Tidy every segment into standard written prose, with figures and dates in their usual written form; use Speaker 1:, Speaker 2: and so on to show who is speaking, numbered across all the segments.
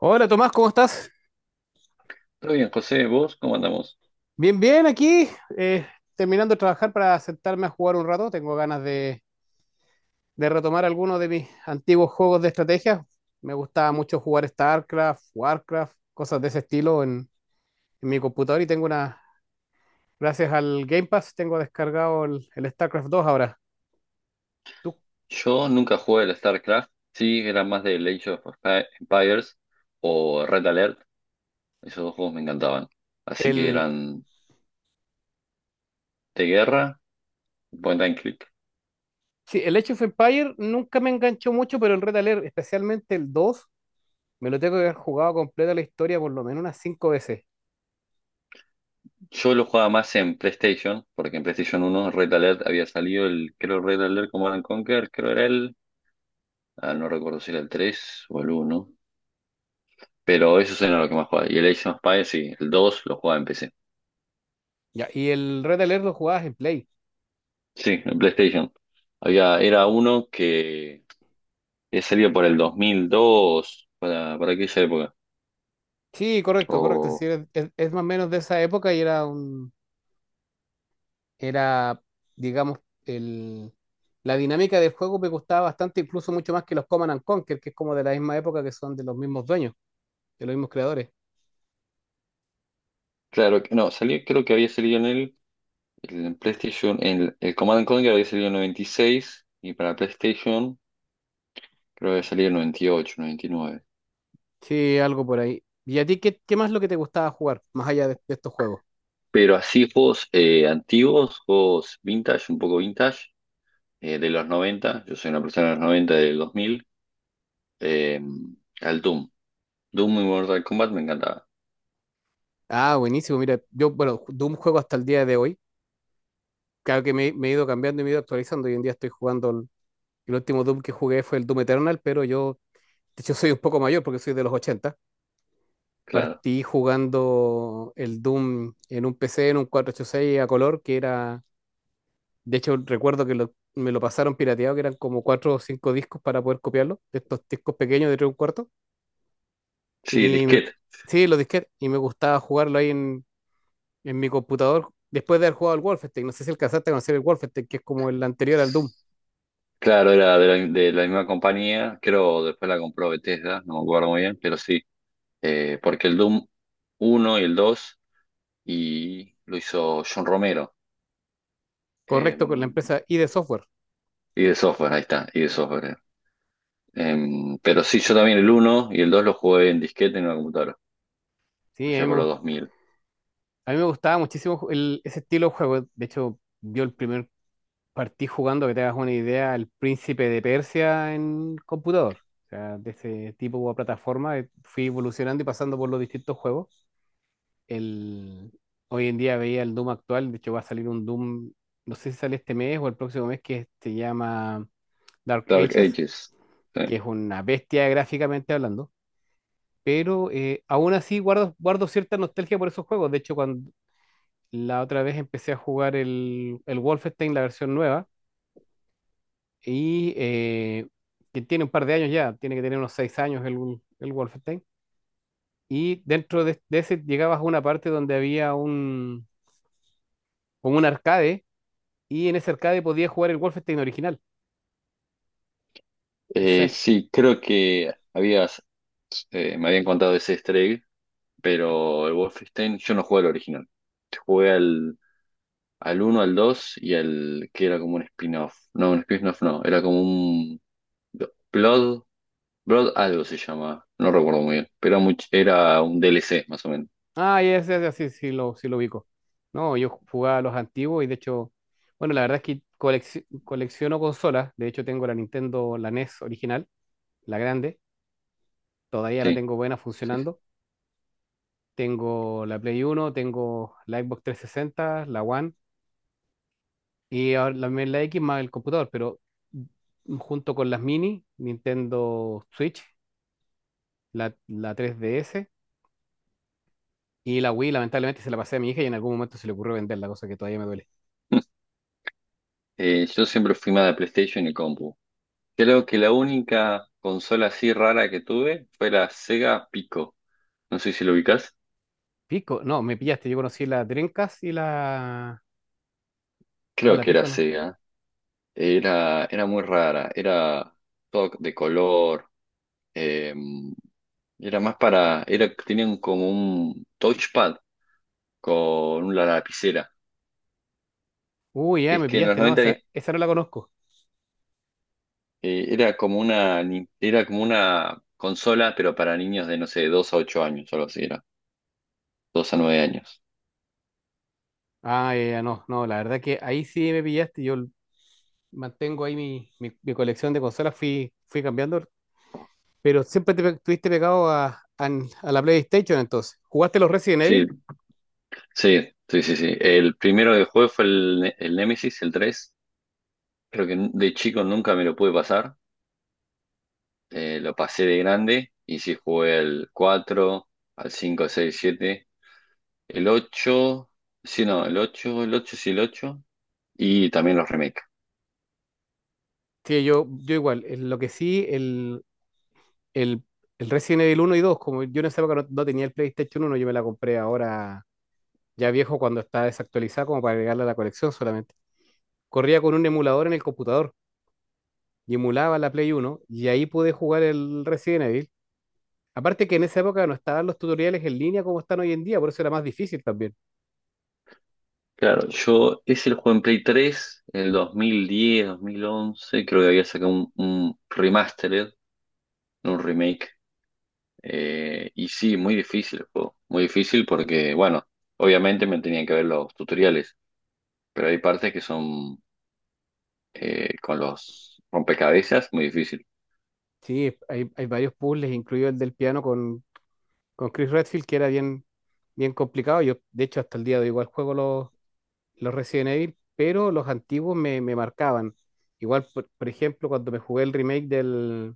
Speaker 1: Hola Tomás, ¿cómo estás?
Speaker 2: Muy bien, José, ¿vos cómo andamos?
Speaker 1: Bien, bien, aquí, eh, terminando de trabajar para sentarme a jugar un rato. Tengo ganas de retomar algunos de mis antiguos juegos de estrategia. Me gustaba mucho jugar StarCraft, Warcraft, cosas de ese estilo en mi computador y tengo gracias al Game Pass, tengo descargado el StarCraft dos ahora. Tú,
Speaker 2: Yo nunca jugué al StarCraft, sí, era más de Age of Empires o Red Alert, esos dos juegos me encantaban. Así que
Speaker 1: el,
Speaker 2: eran de guerra, point and click.
Speaker 1: sí, el Age of Empire nunca me enganchó mucho, pero el Red Alert, especialmente el 2 me lo tengo que haber jugado completa la historia por lo menos unas 5 veces.
Speaker 2: Yo lo jugaba más en PlayStation, porque en PlayStation uno Red Alert había salido el, creo Red Alert Command and Conquer, creo era el, no recuerdo si era el 3 o el uno, pero eso era lo que más jugaba. Y el Age of Empires, sí, el 2 lo jugaba en PC.
Speaker 1: Ya, y el Red Alert lo jugabas en Play.
Speaker 2: Sí, en PlayStation. Había, era uno que salió por el 2002 para, aquella época.
Speaker 1: Sí, correcto, correcto. Es
Speaker 2: O,
Speaker 1: decir, es más o menos de esa época y era era, digamos, el, la dinámica del juego me gustaba bastante, incluso mucho más que los Command and Conquer, que es como de la misma época, que son de los mismos dueños, de los mismos creadores.
Speaker 2: claro, no, salió, creo que había salido en el, PlayStation, el, Command and Conquer había salido en 96 y seis y para PlayStation creo que había salido en 98, 99.
Speaker 1: Sí, algo por ahí. ¿Y a ti qué más es lo que te gustaba jugar, más allá de estos juegos?
Speaker 2: Pero así juegos antiguos, juegos vintage, un poco vintage, de los 90. Yo soy una persona de los 90 del 2000, eh, al Doom. Doom y Mortal Kombat me encantaba,
Speaker 1: Ah, buenísimo. Mira, yo, bueno, Doom juego hasta el día de hoy. Claro que me he ido cambiando y me he ido actualizando. Hoy en día estoy jugando, el último Doom que jugué fue el Doom Eternal, pero yo, de hecho, soy un poco mayor porque soy de los 80.
Speaker 2: claro.
Speaker 1: Partí jugando el Doom en un PC, en un 486 a color, que era, de hecho recuerdo que me lo pasaron pirateado, que eran como cuatro o cinco discos para poder copiarlo, de estos discos pequeños de tres y un cuarto.
Speaker 2: Sí,
Speaker 1: Y me-
Speaker 2: disquete.
Speaker 1: sí, los disquetes, y me gustaba jugarlo en mi computador, después de haber jugado al Wolfenstein, no sé si alcanzaste a conocer el Wolfenstein, que es como el anterior al Doom,
Speaker 2: Claro, era de la, misma compañía, creo después la compró Bethesda, no me acuerdo muy bien, pero sí, porque el Doom uno y el 2 y lo hizo John Romero, eh,
Speaker 1: correcto, con la empresa ID Software.
Speaker 2: y de software, ahí está, y de software. Pero sí, yo también el uno y el 2 lo jugué en disquete en una computadora,
Speaker 1: Sí, a mí
Speaker 2: allá
Speaker 1: me,
Speaker 2: por los
Speaker 1: gust-
Speaker 2: dos mil.
Speaker 1: a mí me gustaba muchísimo ese estilo de juego, de hecho, yo el primer Partí jugando, que te hagas una idea, el Príncipe de Persia en computador. O sea, de ese tipo de plataforma fui evolucionando y pasando por los distintos juegos. El... Hoy en día veía el Doom actual, de hecho va a salir un Doom, no sé si sale este mes o el próximo mes, que se llama Dark
Speaker 2: Dark
Speaker 1: Ages,
Speaker 2: Ages. Sí.
Speaker 1: que es una bestia gráficamente hablando. Pero aún así guardo cierta nostalgia por esos juegos. De hecho, cuando la otra vez empecé a jugar el Wolfenstein, la versión nueva, y que tiene un par de años ya, tiene que tener unos seis años el Wolfenstein. Y dentro de ese llegabas a una parte donde había un, como un arcade, y en ese arcade podías jugar el Wolfenstein original. Y sabes-
Speaker 2: Sí, creo que habías, me habían contado ese easter egg, pero el Wolfenstein, yo no jugué al original, jugué al, uno, al 2 y al que era como un spin-off. No, un spin-off no, era como un Blood, Blood algo se llama, no recuerdo muy bien, pero era, era un DLC más o menos.
Speaker 1: ah, ya, ya, ya, sí lo ubico. No, yo jugaba a los antiguos y de hecho, bueno, la verdad es que colecciono consolas. De hecho, tengo la Nintendo, la NES original, la grande. Todavía la
Speaker 2: Sí,
Speaker 1: tengo buena
Speaker 2: sí. Sí.
Speaker 1: funcionando. Tengo la Play Uno, tengo la Xbox trescientos sesenta, la One y ahora la X más el computador, pero junto con las mini, Nintendo Switch, la 3DS y la Wii, lamentablemente se la pasé a mi hija y en algún momento se le ocurrió venderla, cosa que todavía me duele.
Speaker 2: Yo siempre fui más de PlayStation y compu. Creo que la única consola así rara que tuve fue la Sega Pico. No sé si lo ubicás.
Speaker 1: Pico, no, me pillaste, yo conocí la Dreamcast y la... No,
Speaker 2: Creo
Speaker 1: la
Speaker 2: que era
Speaker 1: Pico no.
Speaker 2: Sega. Era muy rara. Era todo de color. em, Era más para, era, tenían como un touchpad con una lapicera.
Speaker 1: Uy, ya,
Speaker 2: Es
Speaker 1: me
Speaker 2: que en los
Speaker 1: pillaste, no,
Speaker 2: 90
Speaker 1: esa, esa no la conozco.
Speaker 2: era como una, era como una consola, pero para niños de, no sé, 2 a 8 años, algo así era. Dos a 9 años.
Speaker 1: Ah, ya, ya, no, no, la verdad que ahí sí me pillaste, yo mantengo ahí mi colección de consolas, fui cambiando, pero siempre estuviste pegado a, a a la PlayStation entonces. ¿Jugaste los Resident
Speaker 2: Sí,
Speaker 1: Evil?
Speaker 2: sí, sí, sí, sí. El primero que jugué fue el, el Nemesis, el tres. Creo que de chico nunca me lo pude pasar. Lo pasé de grande y sí jugué al cuatro, al cinco, seis, siete. El ocho, sí, no, el ocho, sí, el ocho. Y también los remakes.
Speaker 1: Sí, yo igual. Lo que sí, el, el Resident Evil uno y dos, como yo en esa época no tenía el PlayStation 1, yo me la compré ahora ya viejo cuando está desactualizada como para agregarla a la colección solamente. Corría con un emulador en el computador y emulaba la Play uno y ahí pude jugar el Resident Evil. Aparte que en esa época no estaban los tutoriales en línea como están hoy en día, por eso era más difícil también.
Speaker 2: Claro, yo ese lo jugué en Play 3 en el 2010, 2011. Creo que había sacado un, remastered, no un remake. Y sí, muy difícil el juego. Muy difícil porque, bueno, obviamente me tenían que ver los tutoriales. Pero hay partes que son con los rompecabezas muy difícil.
Speaker 1: Sí, hay varios puzzles, incluido el del piano con Chris Redfield, que era bien complicado. Yo, de hecho, hasta el día de hoy igual juego los Resident Evil, pero los antiguos me marcaban. Igual, por ejemplo, cuando me jugué el remake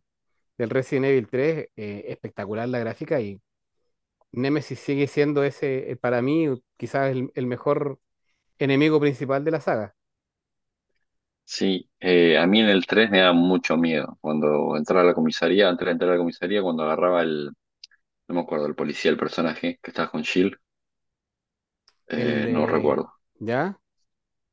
Speaker 1: del Resident Evil tres, espectacular la gráfica y Nemesis sigue siendo ese, para mí, quizás el mejor enemigo principal de la saga.
Speaker 2: Sí, a mí en el 3 me daba mucho miedo. Cuando entraba a la comisaría, antes de entrar a la comisaría, cuando agarraba el, no me acuerdo, el policía, el personaje que estaba con Shield,
Speaker 1: El
Speaker 2: no
Speaker 1: de...
Speaker 2: recuerdo.
Speaker 1: ¿Ya?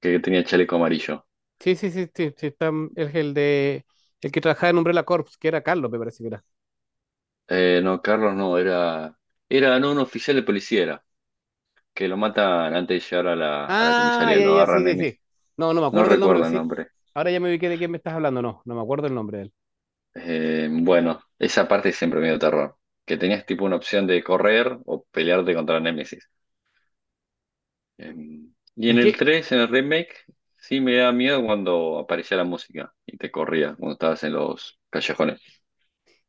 Speaker 2: Que tenía chaleco amarillo.
Speaker 1: Sí, sí, sí, sí, sí, está, es el de... El que trabajaba en Umbrella Corps, que era Carlos, me parece que era.
Speaker 2: No, Carlos no, era, no, un oficial de policía era, que lo matan antes de llegar a la,
Speaker 1: Ah,
Speaker 2: comisaría,
Speaker 1: ya,
Speaker 2: lo
Speaker 1: ya, sí,
Speaker 2: agarran
Speaker 1: sí,
Speaker 2: Emi.
Speaker 1: sí. No, no me
Speaker 2: No
Speaker 1: acuerdo el nombre,
Speaker 2: recuerdo
Speaker 1: pero
Speaker 2: el
Speaker 1: sí.
Speaker 2: nombre.
Speaker 1: Ahora ya me ubiqué de quién me estás hablando, no, no me acuerdo el nombre de él.
Speaker 2: Bueno, esa parte siempre me dio terror, que tenías tipo una opción de correr o pelearte contra Némesis. Eh, y
Speaker 1: ¿Y
Speaker 2: en el
Speaker 1: qué,
Speaker 2: tres, en el remake, sí me da miedo cuando aparecía la música y te corría cuando estabas en los callejones.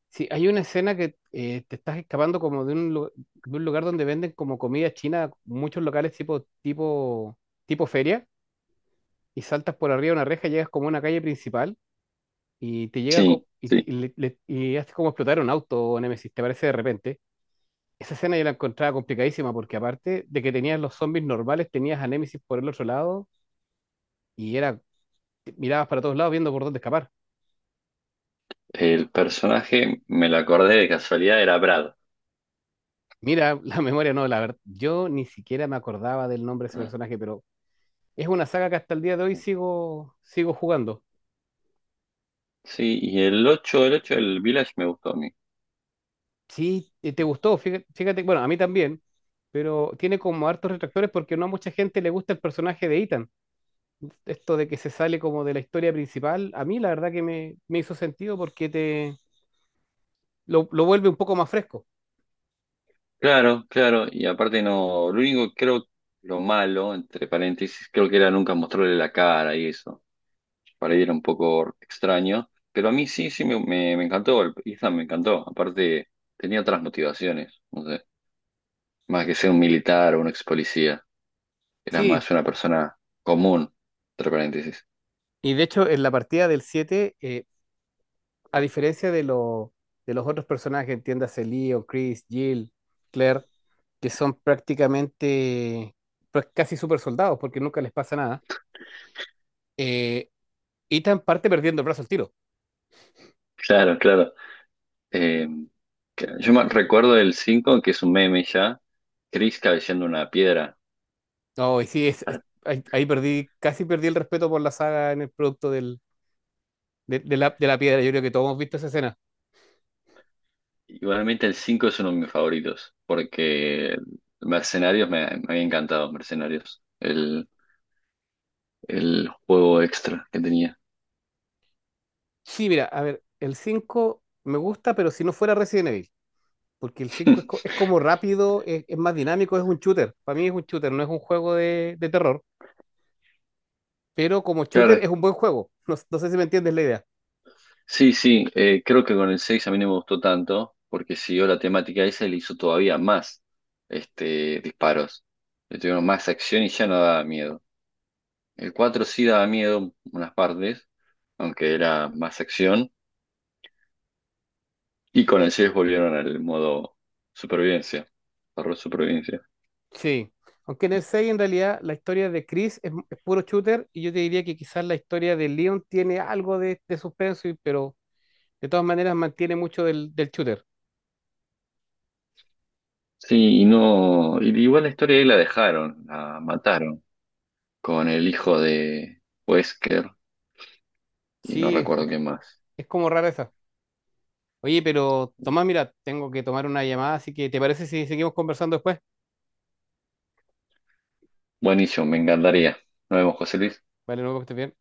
Speaker 1: sí, hay una escena que te estás escapando como de un, de un lugar donde venden como comida china, muchos locales tipo, tipo, tipo feria, y saltas por arriba de una reja, llegas como a una calle principal y te llega
Speaker 2: Sí,
Speaker 1: co- y, ti-
Speaker 2: sí.
Speaker 1: y le- le- y hace como explotar un auto, Nemesis, te parece de repente. Esa escena yo la encontraba complicadísima porque aparte de que tenías los zombies normales, tenías a Nemesis por el otro lado y era, mirabas para todos lados viendo por dónde escapar.
Speaker 2: El personaje, me lo acordé de casualidad, era Brad.
Speaker 1: Mira, la memoria no, la verdad, yo ni siquiera me acordaba del nombre de ese personaje, pero es una saga que hasta el día de hoy
Speaker 2: Ah,
Speaker 1: sigo jugando.
Speaker 2: sí, y el ocho, del Village me gustó a mí.
Speaker 1: Sí, te gustó, fíjate, bueno, a mí también, pero tiene como hartos retractores porque no a mucha gente le gusta el personaje de Ethan. Esto de que se sale como de la historia principal, a mí la verdad que me hizo sentido porque te lo vuelve un poco más fresco.
Speaker 2: Claro, claro, y aparte no, lo único que creo, lo malo, entre paréntesis, creo que era nunca mostrarle la cara y eso. Para ir un poco extraño, pero a mí sí, sí me, encantó, el Ethan me encantó. Aparte, tenía otras motivaciones, no sé, más que ser un militar o un ex policía, era
Speaker 1: Sí,
Speaker 2: más una persona común, entre paréntesis.
Speaker 1: y de hecho en la partida del siete, a diferencia de los otros personajes, entiéndase Leo, Chris, Jill, Claire, que son prácticamente pues, casi super soldados porque nunca les pasa nada, eh, Ethan parte perdiendo el brazo al tiro.
Speaker 2: Claro, claro. Eh, yo me recuerdo el 5 que es un meme ya, Chris cabeceando una piedra.
Speaker 1: No, y sí,
Speaker 2: Ar-
Speaker 1: ahí, ahí perdí, casi perdí el respeto por la saga en el producto de de la piedra. Yo creo que todos hemos visto esa escena.
Speaker 2: Igualmente el 5 es uno de mis favoritos, porque Mercenarios me, había encantado, Mercenarios, el, juego extra que tenía.
Speaker 1: Sí, mira, a ver, el 5 me gusta, pero si no fuera Resident Evil, porque el cinco es como rápido, es más dinámico, es un shooter. Para mí es un shooter, no es un juego de terror. Pero como shooter
Speaker 2: Claro,
Speaker 1: es un buen juego. No, no sé si me entiendes la idea.
Speaker 2: sí, sí, creo que con el 6 a mí no me gustó tanto, porque siguió la temática esa y le hizo todavía más disparos. Le tuvieron más acción y ya no daba miedo. El 4 sí daba miedo unas partes, aunque era más acción. Y con el 6 volvieron al modo supervivencia, horror supervivencia.
Speaker 1: Sí. Aunque en el 6 en realidad la historia de Chris es puro shooter y yo te diría que quizás la historia de Leon tiene algo de suspenso, pero de todas maneras mantiene mucho del shooter.
Speaker 2: Sí, y no. Y igual la historia ahí la dejaron, la mataron con el hijo de Wesker y no
Speaker 1: Sí,
Speaker 2: recuerdo quién más.
Speaker 1: es como rara esa. Oye, pero Tomás, mira, tengo que tomar una llamada, así que ¿te parece si seguimos conversando después?
Speaker 2: Buenísimo, me encantaría. Nos vemos, José Luis.
Speaker 1: Vale, luego que estés bien.